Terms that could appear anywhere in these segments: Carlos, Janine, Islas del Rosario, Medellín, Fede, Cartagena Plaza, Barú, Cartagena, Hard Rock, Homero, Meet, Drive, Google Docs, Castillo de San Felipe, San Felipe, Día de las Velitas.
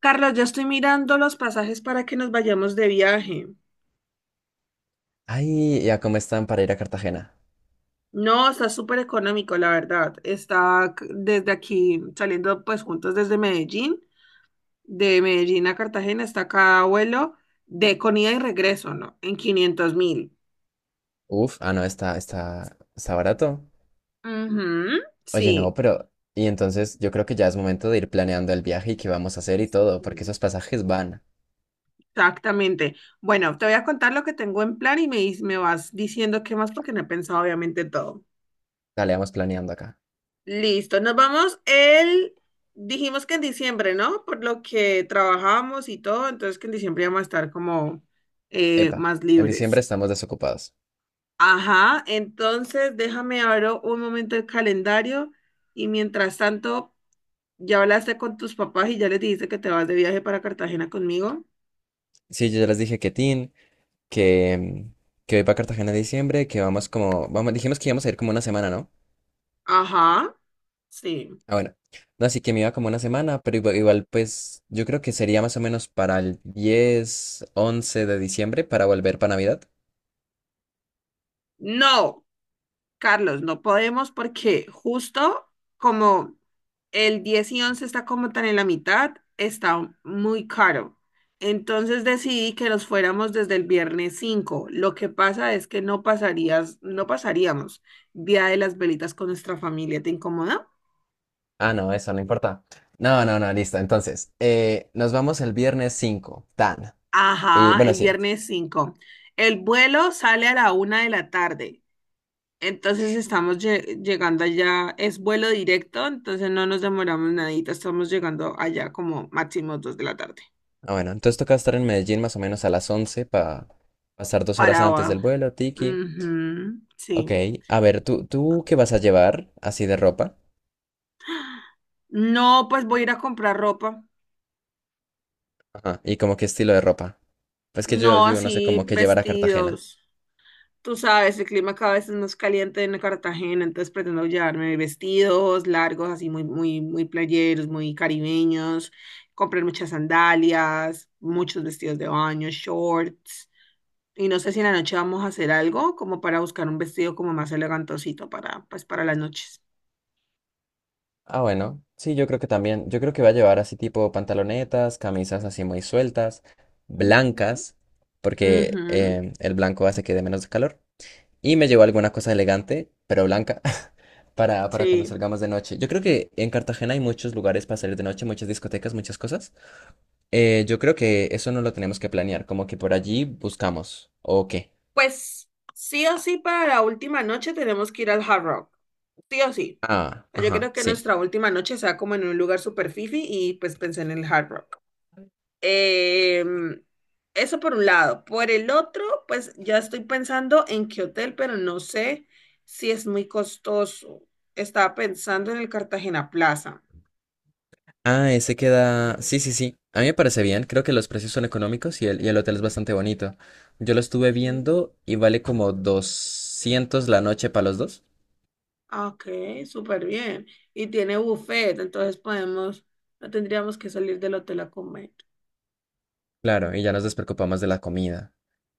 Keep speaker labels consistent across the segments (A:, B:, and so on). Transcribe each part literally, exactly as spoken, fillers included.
A: Carlos, ya estoy mirando los pasajes para que nos vayamos de viaje.
B: Ay, ya cómo están para ir a Cartagena.
A: No, está súper económico, la verdad. Está c- desde aquí, saliendo pues juntos desde Medellín, de Medellín a Cartagena, está cada vuelo de con ida y regreso, ¿no? En quinientos mil.
B: Uf, ah, no, está, está, está barato.
A: Ujú,
B: Oye, no,
A: sí,
B: pero. Y entonces yo creo que ya es momento de ir planeando el viaje y qué vamos a hacer y todo, porque esos pasajes van.
A: exactamente. Bueno, te voy a contar lo que tengo en plan y me, dis- me vas diciendo qué más porque no he pensado obviamente en todo.
B: Dale, vamos planeando acá.
A: Listo, nos vamos el, dijimos que en diciembre, ¿no? Por lo que trabajamos y todo, entonces que en diciembre vamos a estar como eh,
B: Epa,
A: más
B: en diciembre
A: libres.
B: estamos desocupados.
A: Ajá, entonces déjame abro un momento el calendario y mientras tanto, ya hablaste con tus papás y ya les dijiste que te vas de viaje para Cartagena conmigo.
B: Sí, yo ya les dije que Tin, que, mm, que voy para Cartagena en diciembre, que vamos como. Vamos, dijimos que íbamos a ir como una semana, ¿no?
A: Ajá, sí.
B: Ah, bueno. No, así que me iba como una semana, pero igua- igual, pues yo creo que sería más o menos para el diez, once de diciembre para volver para Navidad.
A: No, Carlos, no podemos porque justo como el diez y once está como tan en la mitad, está muy caro. Entonces decidí que nos fuéramos desde el viernes cinco. Lo que pasa es que no pasarías, no pasaríamos Día de las Velitas con nuestra familia. ¿Te incomoda?
B: Ah, no, eso no importa. No, no, no, listo. Entonces, eh, nos vamos el viernes cinco, tan. Y
A: Ajá,
B: bueno,
A: el
B: sí.
A: viernes cinco. El vuelo sale a la una de la tarde. Entonces estamos lle- llegando allá, es vuelo directo, entonces no nos demoramos nadita, estamos llegando allá como máximo dos de la tarde.
B: Ah, bueno, entonces toca estar en Medellín más o menos a las once para pasar dos horas
A: Para,
B: antes del
A: abajo.
B: vuelo, tiki.
A: Ujú,
B: Ok,
A: sí.
B: a ver, ¿tú, tú qué vas a llevar así de ropa?
A: No, pues voy a ir a comprar ropa.
B: Ajá. ¿Y como qué estilo de ropa? Pues que yo,
A: No
B: yo no sé
A: así
B: cómo qué llevar a Cartagena.
A: vestidos. Tú sabes, el clima cada vez es más caliente en Cartagena, entonces pretendo llevarme vestidos largos, así muy, muy, muy playeros, muy caribeños, comprar muchas sandalias, muchos vestidos de baño, shorts. Y no sé si en la noche vamos a hacer algo como para buscar un vestido como más elegantosito para, pues, para las noches.
B: Ah, bueno, sí, yo creo que también. Yo creo que va a llevar así tipo pantalonetas, camisas así muy sueltas,
A: Ujú.
B: blancas, porque
A: Ujú.
B: em, el blanco hace que dé menos calor. Y me llevó alguna cosa elegante, pero blanca, para, para cuando
A: Sí.
B: salgamos de noche. Yo creo que en Cartagena hay muchos lugares para salir de noche, muchas discotecas, muchas cosas. Eh, yo creo que eso no lo tenemos que planear, como que por allí buscamos. ¿O qué?
A: Pues sí o sí para la última noche tenemos que ir al Hard Rock. Sí o sí.
B: Ah,
A: Yo
B: ajá,
A: creo que
B: sí.
A: nuestra última noche sea como en un lugar super fifi y pues pensé en el Hard Rock. Em, eso por un lado. Por el otro, pues ya estoy pensando en qué hotel, pero no sé si es muy costoso. Estaba pensando en el Cartagena Plaza.
B: Ah, ese queda... Sí, sí, sí. A mí me parece bien, creo que los precios son económicos y el, y el hotel es bastante bonito. Yo lo estuve
A: Sí.
B: viendo y vale como doscientos la noche para los dos.
A: Ah, ok, súper bien. Y tiene buffet, entonces podemos, no tendríamos que salir del hotel a comer.
B: Claro, y ya nos despreocupamos de la comida.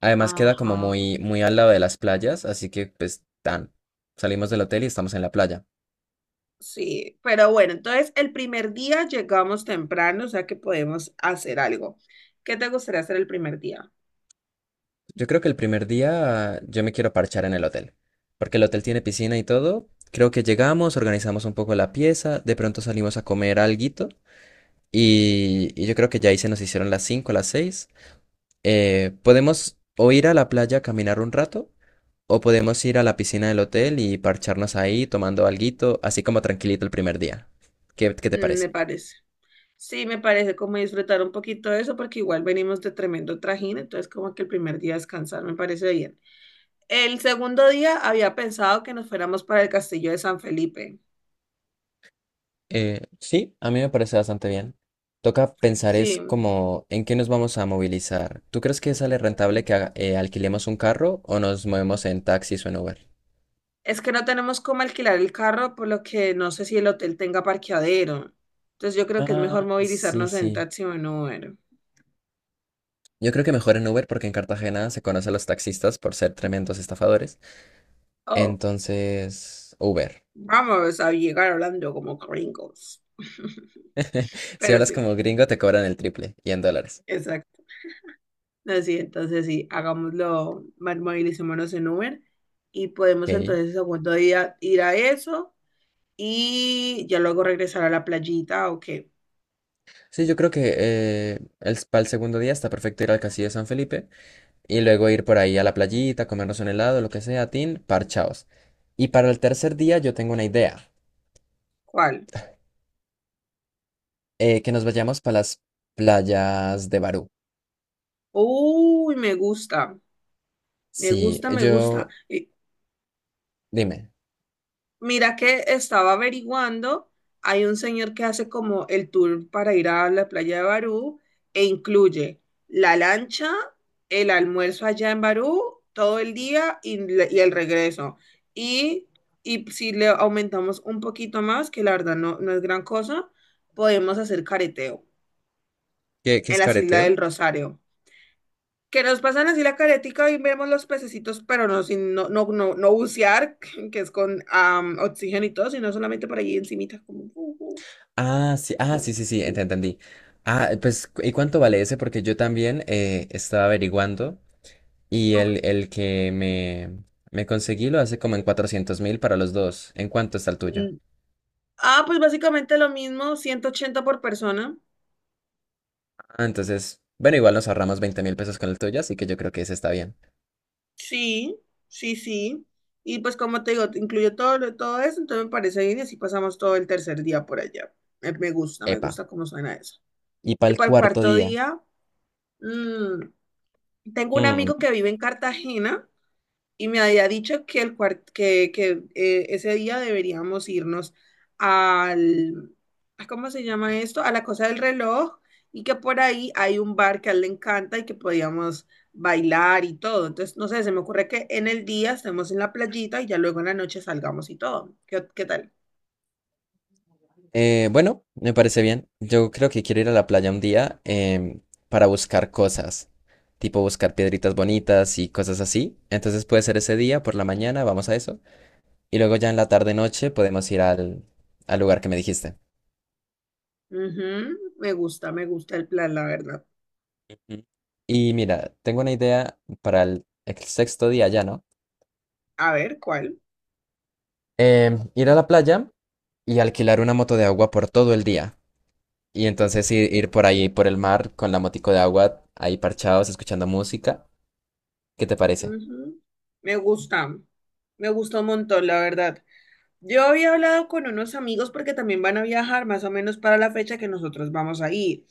B: Además queda
A: Ajá.
B: como muy, muy al lado de las playas, así que pues tan, salimos del hotel y estamos en la playa.
A: Sí, pero bueno, entonces el primer día llegamos temprano, o sea que podemos hacer algo. ¿Qué te gustaría hacer el primer día?
B: Yo creo que el primer día yo me quiero parchar en el hotel, porque el hotel tiene piscina y todo. Creo que llegamos, organizamos un poco la pieza, de pronto salimos a comer alguito y, y yo creo que ya ahí se nos hicieron las cinco, las seis. Eh, podemos o ir a la playa a caminar un rato. O podemos ir a la piscina del hotel y parcharnos ahí tomando alguito, así como tranquilito el primer día. ¿Qué, qué te
A: Mm,
B: parece?
A: me parece. Sí, me parece como disfrutar un poquito de eso, porque igual venimos de tremendo trajín, entonces como que el primer día descansar me parece bien. El segundo día había pensado que nos fuéramos para el castillo de San Felipe.
B: Eh, sí, a mí me parece bastante bien. Toca pensar es
A: Sí,
B: como en qué nos vamos a movilizar. ¿Tú crees que sale rentable que haga- eh, alquilemos un carro o nos movemos en taxis o en Uber?
A: es que no tenemos cómo alquilar el carro, por lo que no sé si el hotel tenga parqueadero. Entonces yo creo que es mejor
B: Ah, sí,
A: movilizarnos en
B: sí.
A: taxi o en Uber.
B: Yo creo que mejor en Uber porque en Cartagena se conoce a los taxistas por ser tremendos estafadores.
A: Oh,
B: Entonces, Uber.
A: vamos a llegar hablando como gringos.
B: Si
A: Pero
B: hablas
A: sí,
B: como gringo te cobran el triple y en dólares.
A: exacto. No, sí, entonces sí, hagámoslo, ma- movilicémonos en Uber y podemos
B: Ok.
A: entonces el segundo día ir a eso y ya luego regresar a la playita o qué.
B: Sí, yo creo que eh, el, para el segundo día está perfecto ir al Castillo de San Felipe y luego ir por ahí a la playita, comernos un helado, lo que sea, tin, parchaos. Y para el tercer día yo tengo una idea,
A: ¿Cuál?
B: eh, que nos vayamos para las playas de Barú.
A: Uy, me gusta, me
B: Sí,
A: gusta, me gusta.
B: yo,
A: Y
B: dime,
A: mira que estaba averiguando, hay un señor que hace como el tour para ir a la playa de Barú e incluye la lancha, el almuerzo allá en Barú, todo el día y, le- y el regreso. Y, y si le aumentamos un poquito más, que la verdad no, no es gran cosa, podemos hacer careteo
B: ¿qué, qué
A: en
B: es
A: las Islas
B: careteo?
A: del Rosario. Que nos pasan así la caretica y vemos los pececitos, pero no, sin, no, no, no, no bucear, que es con am, oxígeno y todo, sino solamente por allí encimita, como... uh, uh,
B: Ah, sí, ah, sí, sí, sí, ent- entendí. Ah, pues, cu- ¿y cuánto vale ese? Porque yo también eh, estaba averiguando y
A: ah.
B: el, el que me, me conseguí lo hace como en cuatrocientos mil para los dos. ¿En cuánto está el tuyo?
A: Mm. Ah, pues básicamente lo mismo, ciento ochenta por persona.
B: Ah, entonces, bueno, igual nos ahorramos veinte mil pesos con el tuyo, así que yo creo que ese está bien.
A: Sí, sí, sí. Y pues como te digo, te incluyo todo, lo- todo eso, entonces me parece bien y así pasamos todo el tercer día por allá. Eh, Me gusta, me
B: Epa.
A: gusta cómo suena eso.
B: Y para
A: Y
B: el
A: para el
B: cuarto
A: cuarto
B: día.
A: día, mm, tengo un
B: Mm,
A: amigo que vive en Cartagena y me había dicho que, el cuart- que, que, eh, ese día deberíamos irnos al, ¿a ¿cómo se llama esto? A la cosa del reloj y que por ahí hay un bar que a él le encanta y que podíamos bailar y todo. Entonces, no sé, se me ocurre que en el día estemos en la playita y ya luego en la noche salgamos y todo. ¿Qué, qué tal?
B: eh, bueno, me parece bien. Yo creo que quiero ir a la playa un día em, para buscar cosas, tipo buscar piedritas bonitas y cosas así. Entonces puede ser ese día, por la mañana, vamos a eso. Y luego ya en la tarde-noche podemos ir al, al lugar que me dijiste.
A: Ujú, me gusta, me gusta el plan, la verdad.
B: Ujú. Y mira, tengo una idea para el, el sexto día ya, ¿no?
A: A ver, ¿cuál?
B: Em, ir a la playa y alquilar una moto de agua por todo el día. Y entonces ir, ir por ahí, por el mar, con la motico de agua, ahí parchados, escuchando música. ¿Qué te parece?
A: Ujú, me gusta, me gusta un montón, la verdad. Yo había hablado con unos amigos porque también van a viajar más o menos para la fecha que nosotros vamos a ir.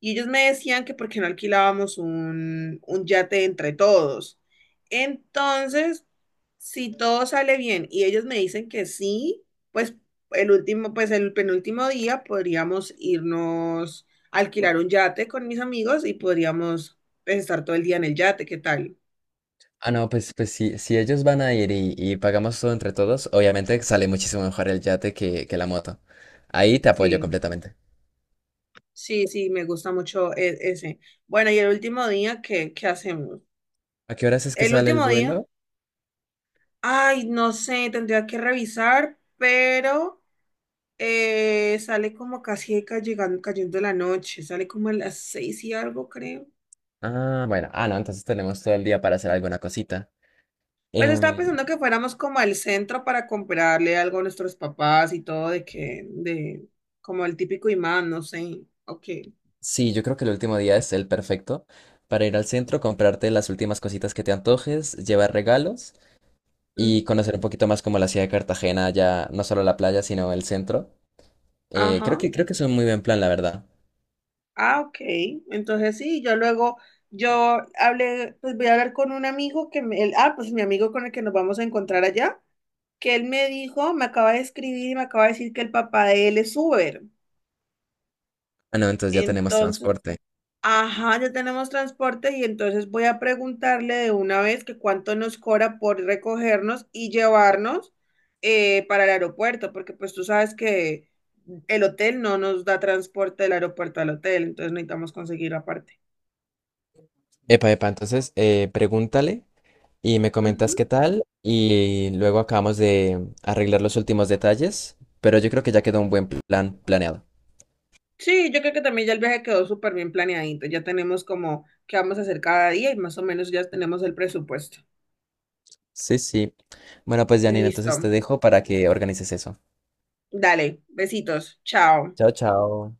A: Y ellos me decían que por qué no alquilábamos un, un yate entre todos. Entonces, si todo sale bien y ellos me dicen que sí, pues el último, pues el penúltimo día podríamos irnos a alquilar un yate con mis amigos y podríamos pues, estar todo el día en el yate. ¿Qué tal?
B: Ah, no, pues, pues si si ellos van a ir y, y pagamos todo entre todos, obviamente sale muchísimo mejor el yate que, que la moto. Ahí te apoyo
A: Sí.
B: completamente.
A: Sí, sí, me gusta mucho e- ese. Bueno, y el último día, ¿qué, qué hacemos?
B: ¿A qué horas es que
A: El
B: sale el
A: último día,
B: vuelo?
A: ay, no sé, tendría que revisar, pero eh, sale como casi ca- llegando, cayendo la noche, sale como a las seis y algo, creo.
B: Ah, bueno, ah, no, entonces tenemos todo el día para hacer alguna cosita.
A: Pues estaba
B: Em,
A: pensando que fuéramos como al centro para comprarle algo a nuestros papás y todo, de que, de, como el típico imán, no sé, ok.
B: sí, yo creo que el último día es el perfecto para ir al centro, comprarte las últimas cositas que te antojes, llevar regalos
A: Mm,
B: y conocer un poquito más como la ciudad de Cartagena, ya no solo la playa, sino el centro. Eh, creo
A: ajá.
B: que, creo que es un muy buen plan, la verdad.
A: Ah, ok. Entonces sí, yo luego, yo hablé, pues voy a hablar con un amigo que me, él- ah, pues mi amigo con el que nos vamos a encontrar allá, que él me dijo, me acaba de escribir y me acaba de decir que el papá de él es Uber.
B: Ah, no, entonces ya tenemos
A: Entonces,
B: transporte.
A: ajá, ya tenemos transporte y entonces voy a preguntarle de una vez que cuánto nos cobra por recogernos y llevarnos eh, para el aeropuerto, porque pues tú sabes que el hotel no nos da transporte del aeropuerto al hotel, entonces necesitamos conseguir aparte.
B: Epa, epa, entonces eh, pregúntale y me comentas
A: Ujú.
B: qué tal y luego acabamos de arreglar los últimos detalles, pero yo creo que ya quedó un buen plan planeado.
A: Sí, yo creo que también ya el viaje quedó súper bien planeadito. Ya tenemos como qué vamos a hacer cada día y más o menos ya tenemos el presupuesto.
B: Sí, sí. Bueno, pues Janine,
A: Listo.
B: entonces te dejo para que organices eso.
A: Dale, besitos. Chao.
B: Chao, chao.